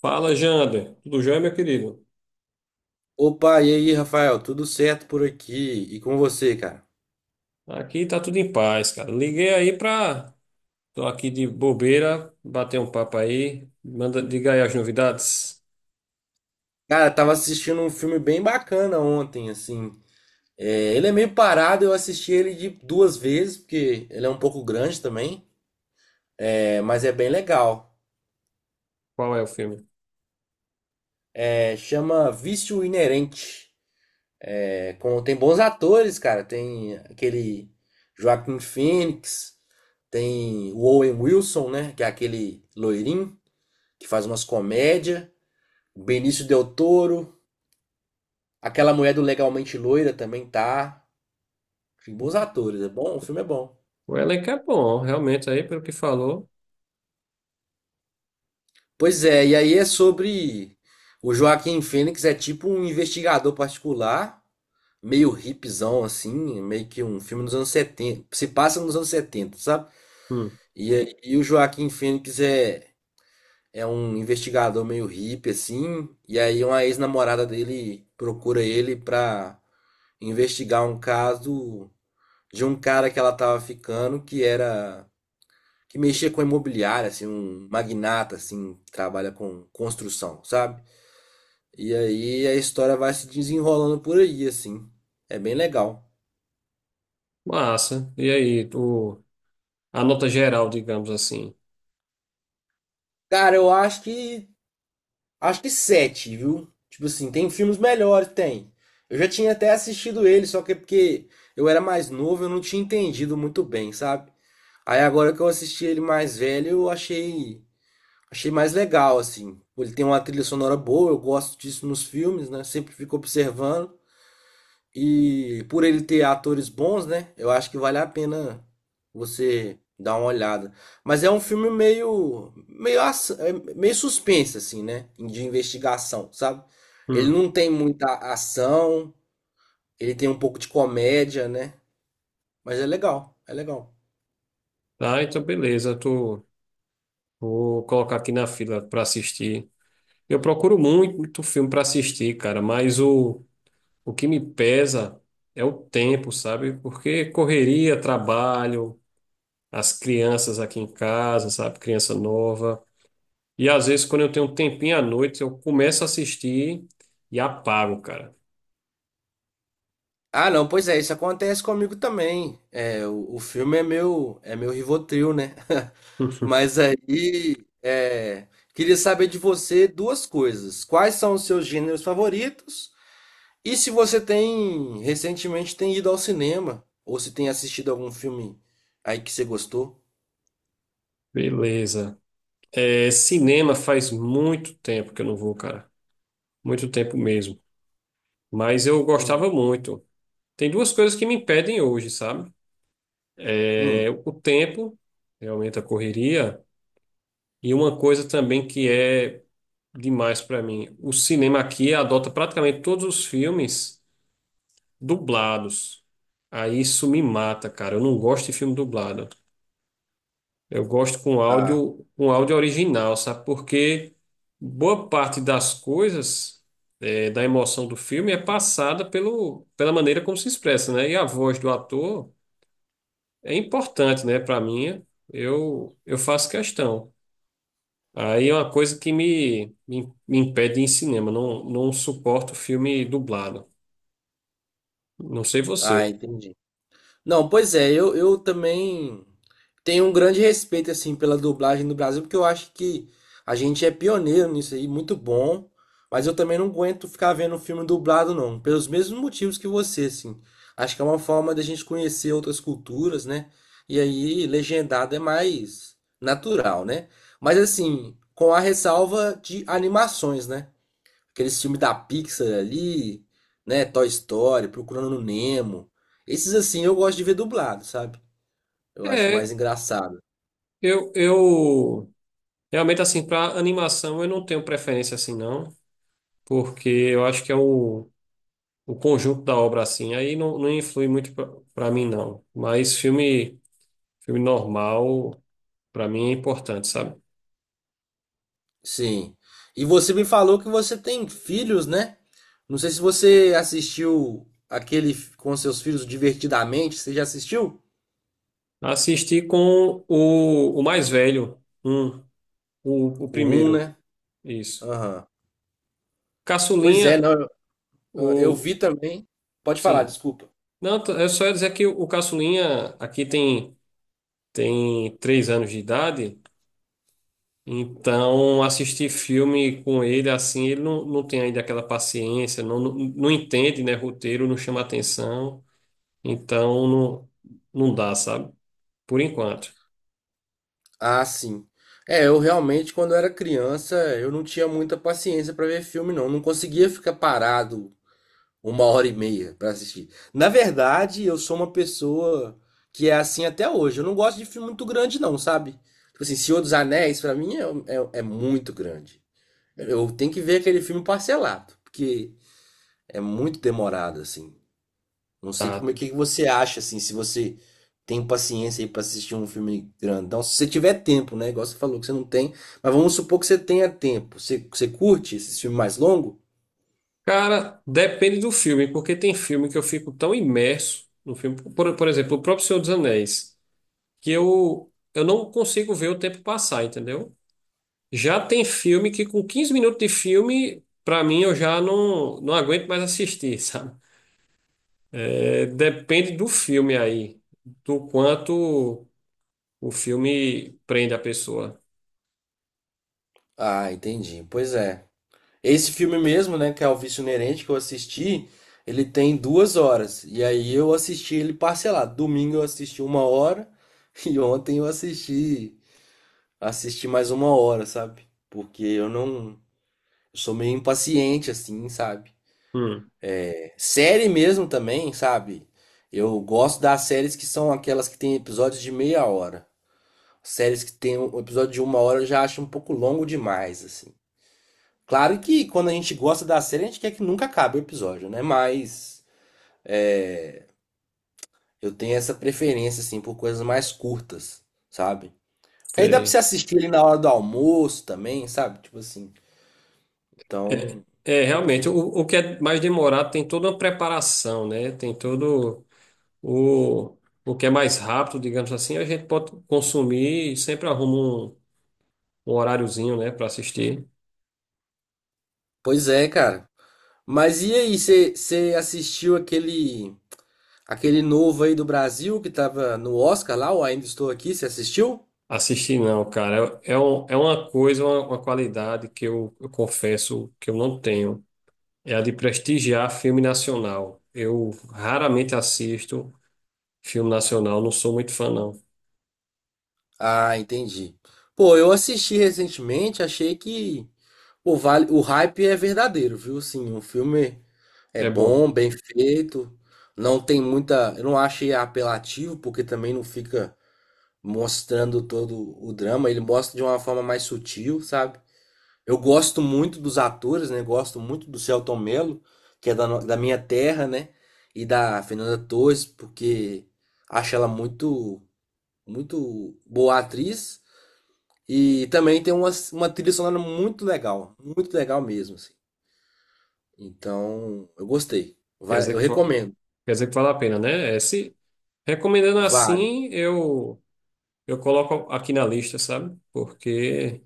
Fala, Jander. Tudo jóia, meu querido? Opa, e aí, Rafael? Tudo certo por aqui? E com você, cara? Aqui tá tudo em paz, cara. Liguei aí pra. Tô aqui de bobeira, bater um papo aí. Manda, diga aí as novidades. Cara, eu tava assistindo um filme bem bacana ontem, assim. É, ele é meio parado, eu assisti ele de duas vezes, porque ele é um pouco grande também, mas é bem legal. Qual é o filme? É, chama Vício Inerente. É, tem bons atores, cara. Tem aquele Joaquin Phoenix, tem o Owen Wilson, né? Que é aquele loirinho que faz umas comédias. Benício Del Toro. Aquela mulher do Legalmente Loira também tá. Tem bons atores, é bom, o filme é bom. O elenco é bom, realmente, aí, pelo que falou. Pois é, e aí é sobre. O Joaquim Fênix é tipo um investigador particular, meio hipzão assim, meio que um filme dos anos 70. Se passa nos anos 70, sabe? Hum, E o Joaquim Fênix é um investigador meio hippie assim, e aí uma ex-namorada dele procura ele pra investigar um caso de um cara que ela tava ficando que mexia com imobiliária, assim, um magnata, assim, que trabalha com construção, sabe? E aí a história vai se desenrolando por aí, assim. É bem legal. massa. E aí, tu... a nota geral, digamos assim. Cara, eu acho que. Acho que sete, viu? Tipo assim, tem filmes melhores, tem. Eu já tinha até assistido ele, só que é porque eu era mais novo, eu não tinha entendido muito bem, sabe? Aí agora que eu assisti ele mais velho, achei mais legal, assim. Ele tem uma trilha sonora boa, eu gosto disso nos filmes, né? Sempre fico observando. E por ele ter atores bons, né? Eu acho que vale a pena você dar uma olhada. Mas é um filme meio, meio, aç- é meio suspense, assim, né? De investigação, sabe? Ele Hum, não tem muita ação, ele tem um pouco de comédia, né? Mas é legal, é legal. tá, então beleza. Tu... Vou colocar aqui na fila pra assistir. Eu procuro muito filme pra assistir, cara, mas o. O que me pesa é o tempo, sabe? Porque correria, trabalho, as crianças aqui em casa, sabe? Criança nova. E às vezes, quando eu tenho um tempinho à noite, eu começo a assistir e apago, cara. Ah, não, pois é, isso acontece comigo também. É, o filme é meu Rivotril, né? Mas aí, queria saber de você duas coisas. Quais são os seus gêneros favoritos? E se você tem, recentemente tem ido ao cinema, ou se tem assistido algum filme aí que você gostou? Beleza. É, cinema faz muito tempo que eu não vou, cara. Muito tempo mesmo. Mas eu gostava Hum, muito. Tem duas coisas que me impedem hoje, sabe? É hum. o tempo, realmente a correria, e uma coisa também que é. Demais para mim. O cinema aqui adota praticamente todos os filmes dublados. Aí isso me mata, cara. Eu não gosto de filme dublado. Eu gosto Ah, com áudio original, sabe? Porque boa parte das coisas, da emoção do filme é passada pelo, pela maneira como se expressa, né? E a voz do ator é importante, né? Para mim, eu faço questão. Aí é uma coisa que me impede de ir em cinema. Não, não suporto filme dublado. Não sei ah, você. entendi. Não, pois é, eu também tenho um grande respeito assim pela dublagem no Brasil, porque eu acho que a gente é pioneiro nisso aí, muito bom, mas eu também não aguento ficar vendo um filme dublado não, pelos mesmos motivos que você, assim. Acho que é uma forma da gente conhecer outras culturas, né? E aí legendado é mais natural, né? Mas assim, com a ressalva de animações, né? Aqueles filmes da Pixar ali, né? Toy Story, Procurando Nemo. Esses assim eu gosto de ver dublado, sabe? Eu acho mais É, engraçado. eu realmente assim, para animação eu não tenho preferência assim, não, porque eu acho que é o conjunto da obra assim, aí não, não influi muito para mim, não. Mas filme, filme normal, para mim é importante, sabe? Sim. E você me falou que você tem filhos, né? Não sei se você assistiu aquele com seus filhos Divertidamente. Você já assistiu? Assisti com o mais velho, um, o O um, primeiro, né? isso. Aham. Pois é, Caçulinha, não, eu o, vi também. Pode falar, Sim. desculpa. Não, eu só ia dizer que o caçulinha aqui tem, tem 3 anos de idade, então assistir filme com ele assim, ele não, não tem ainda aquela paciência, não, não, não entende, né, roteiro, não chama atenção, então não, não dá, sabe? Por enquanto. Ah, sim. É, eu realmente, quando era criança, eu não tinha muita paciência pra ver filme, não. Não conseguia ficar parado uma hora e meia pra assistir. Na verdade, eu sou uma pessoa que é assim até hoje. Eu não gosto de filme muito grande, não, sabe? Tipo assim, Senhor dos Anéis, pra mim, é muito grande. Eu tenho que ver aquele filme parcelado, porque é muito demorado, assim. Não sei Tá. como é que você acha, assim, se você tem paciência aí pra assistir um filme grandão. Se você tiver tempo, né? Igual você falou que você não tem. Mas vamos supor que você tenha tempo. Você curte esse filme mais longo? Cara, depende do filme, porque tem filme que eu fico tão imerso no filme, por exemplo, o próprio Senhor dos Anéis, que eu não consigo ver o tempo passar, entendeu? Já tem filme que com 15 minutos de filme, pra mim, eu já não, não aguento mais assistir, sabe? É, depende do filme aí, do quanto o filme prende a pessoa. Ah, entendi. Pois é. Esse filme mesmo, né, que é O Vício Inerente, que eu assisti, ele tem 2 horas. E aí eu assisti ele parcelado. Domingo eu assisti 1 hora e ontem assisti mais 1 hora, sabe? Porque eu não, eu sou meio impaciente assim, sabe? Hum, É, Série mesmo também, sabe? Eu gosto das séries que são aquelas que tem episódios de meia hora. Séries que tem um episódio de 1 hora eu já acho um pouco longo demais, assim. Claro que quando a gente gosta da série, a gente quer que nunca acabe o episódio, né? Mas é, eu tenho essa preferência, assim, por coisas mais curtas, sabe? Porque aí dá pra você sei. assistir ali na hora do almoço também, sabe? Tipo assim. Então, É, realmente, prefiro. o que é mais demorado tem toda uma preparação, né? Tem todo o, o que é mais rápido, digamos assim, a gente pode consumir e sempre arruma um, um horáriozinho, né, para assistir. Pois é, cara. Mas e aí, você assistiu aquele novo aí do Brasil que tava no Oscar lá, o Ainda Estou Aqui, você assistiu? Assistir não, cara. É, é é uma coisa, uma qualidade que eu confesso que eu não tenho. É a de prestigiar filme nacional. Eu raramente assisto filme nacional, não sou muito fã, não. Ah, entendi. Pô, eu assisti recentemente, achei que vale, o hype é verdadeiro, viu? Assim, o filme é É bom. bom, bem feito. Não tem muita. Eu não achei apelativo, porque também não fica mostrando todo o drama. Ele mostra de uma forma mais sutil, sabe? Eu gosto muito dos atores, né? Gosto muito do Selton Mello, que é da, no- da minha terra, né? E da Fernanda Torres, porque acho ela muito, muito boa atriz. E também tem uma trilha sonora muito legal mesmo, assim. Então, eu gostei. Quer dizer Eu que, recomendo. quer dizer que vale a pena, né? É, se, recomendando Vale. assim, eu coloco aqui na lista, sabe? Porque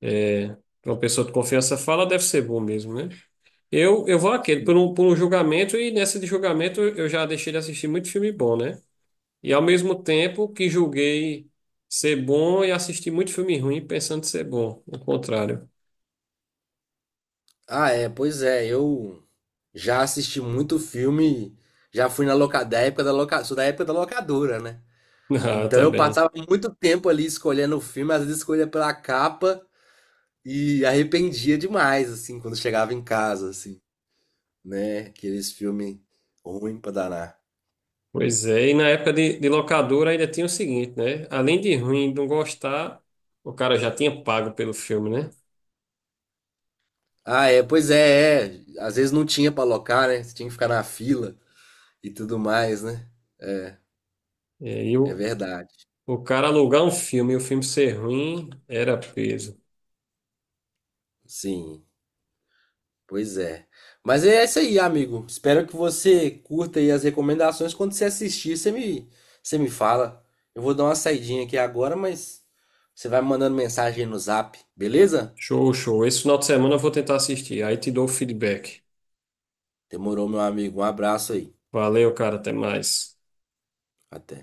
é, pra uma pessoa de confiança fala, deve ser bom mesmo, né? Eu vou àquele, por um julgamento, e nessa de julgamento eu já deixei de assistir muito filme bom, né? E ao mesmo tempo que julguei ser bom e assisti muito filme ruim pensando ser bom, o contrário. Ah, é, pois é, eu já assisti muito filme, já fui na loca, da época da loca, sou da época da locadora, né? Ah, Então tá eu bem. passava muito tempo ali escolhendo o filme, às vezes escolhia pela capa e arrependia demais, assim, quando chegava em casa, assim, né? Aqueles filmes ruim pra danar. Pois é, e na época de locadora ainda tinha o seguinte, né? Além de ruim, não gostar, o cara já tinha pago pelo filme, né? Ah, é, pois é, é. Às vezes não tinha pra locar, né? Você tinha que ficar na fila e tudo mais, né? É, e aí É verdade. o cara alugar um filme e o filme ser ruim era peso. Sim. Pois é. Mas é isso aí, amigo. Espero que você curta aí as recomendações. Quando você assistir, você me fala. Eu vou dar uma saidinha aqui agora, mas você vai me mandando mensagem aí no Zap, beleza? Show, show. Esse final de semana eu vou tentar assistir. Aí te dou o feedback. Demorou, meu amigo. Um abraço aí. Valeu, cara. Até mais. Até.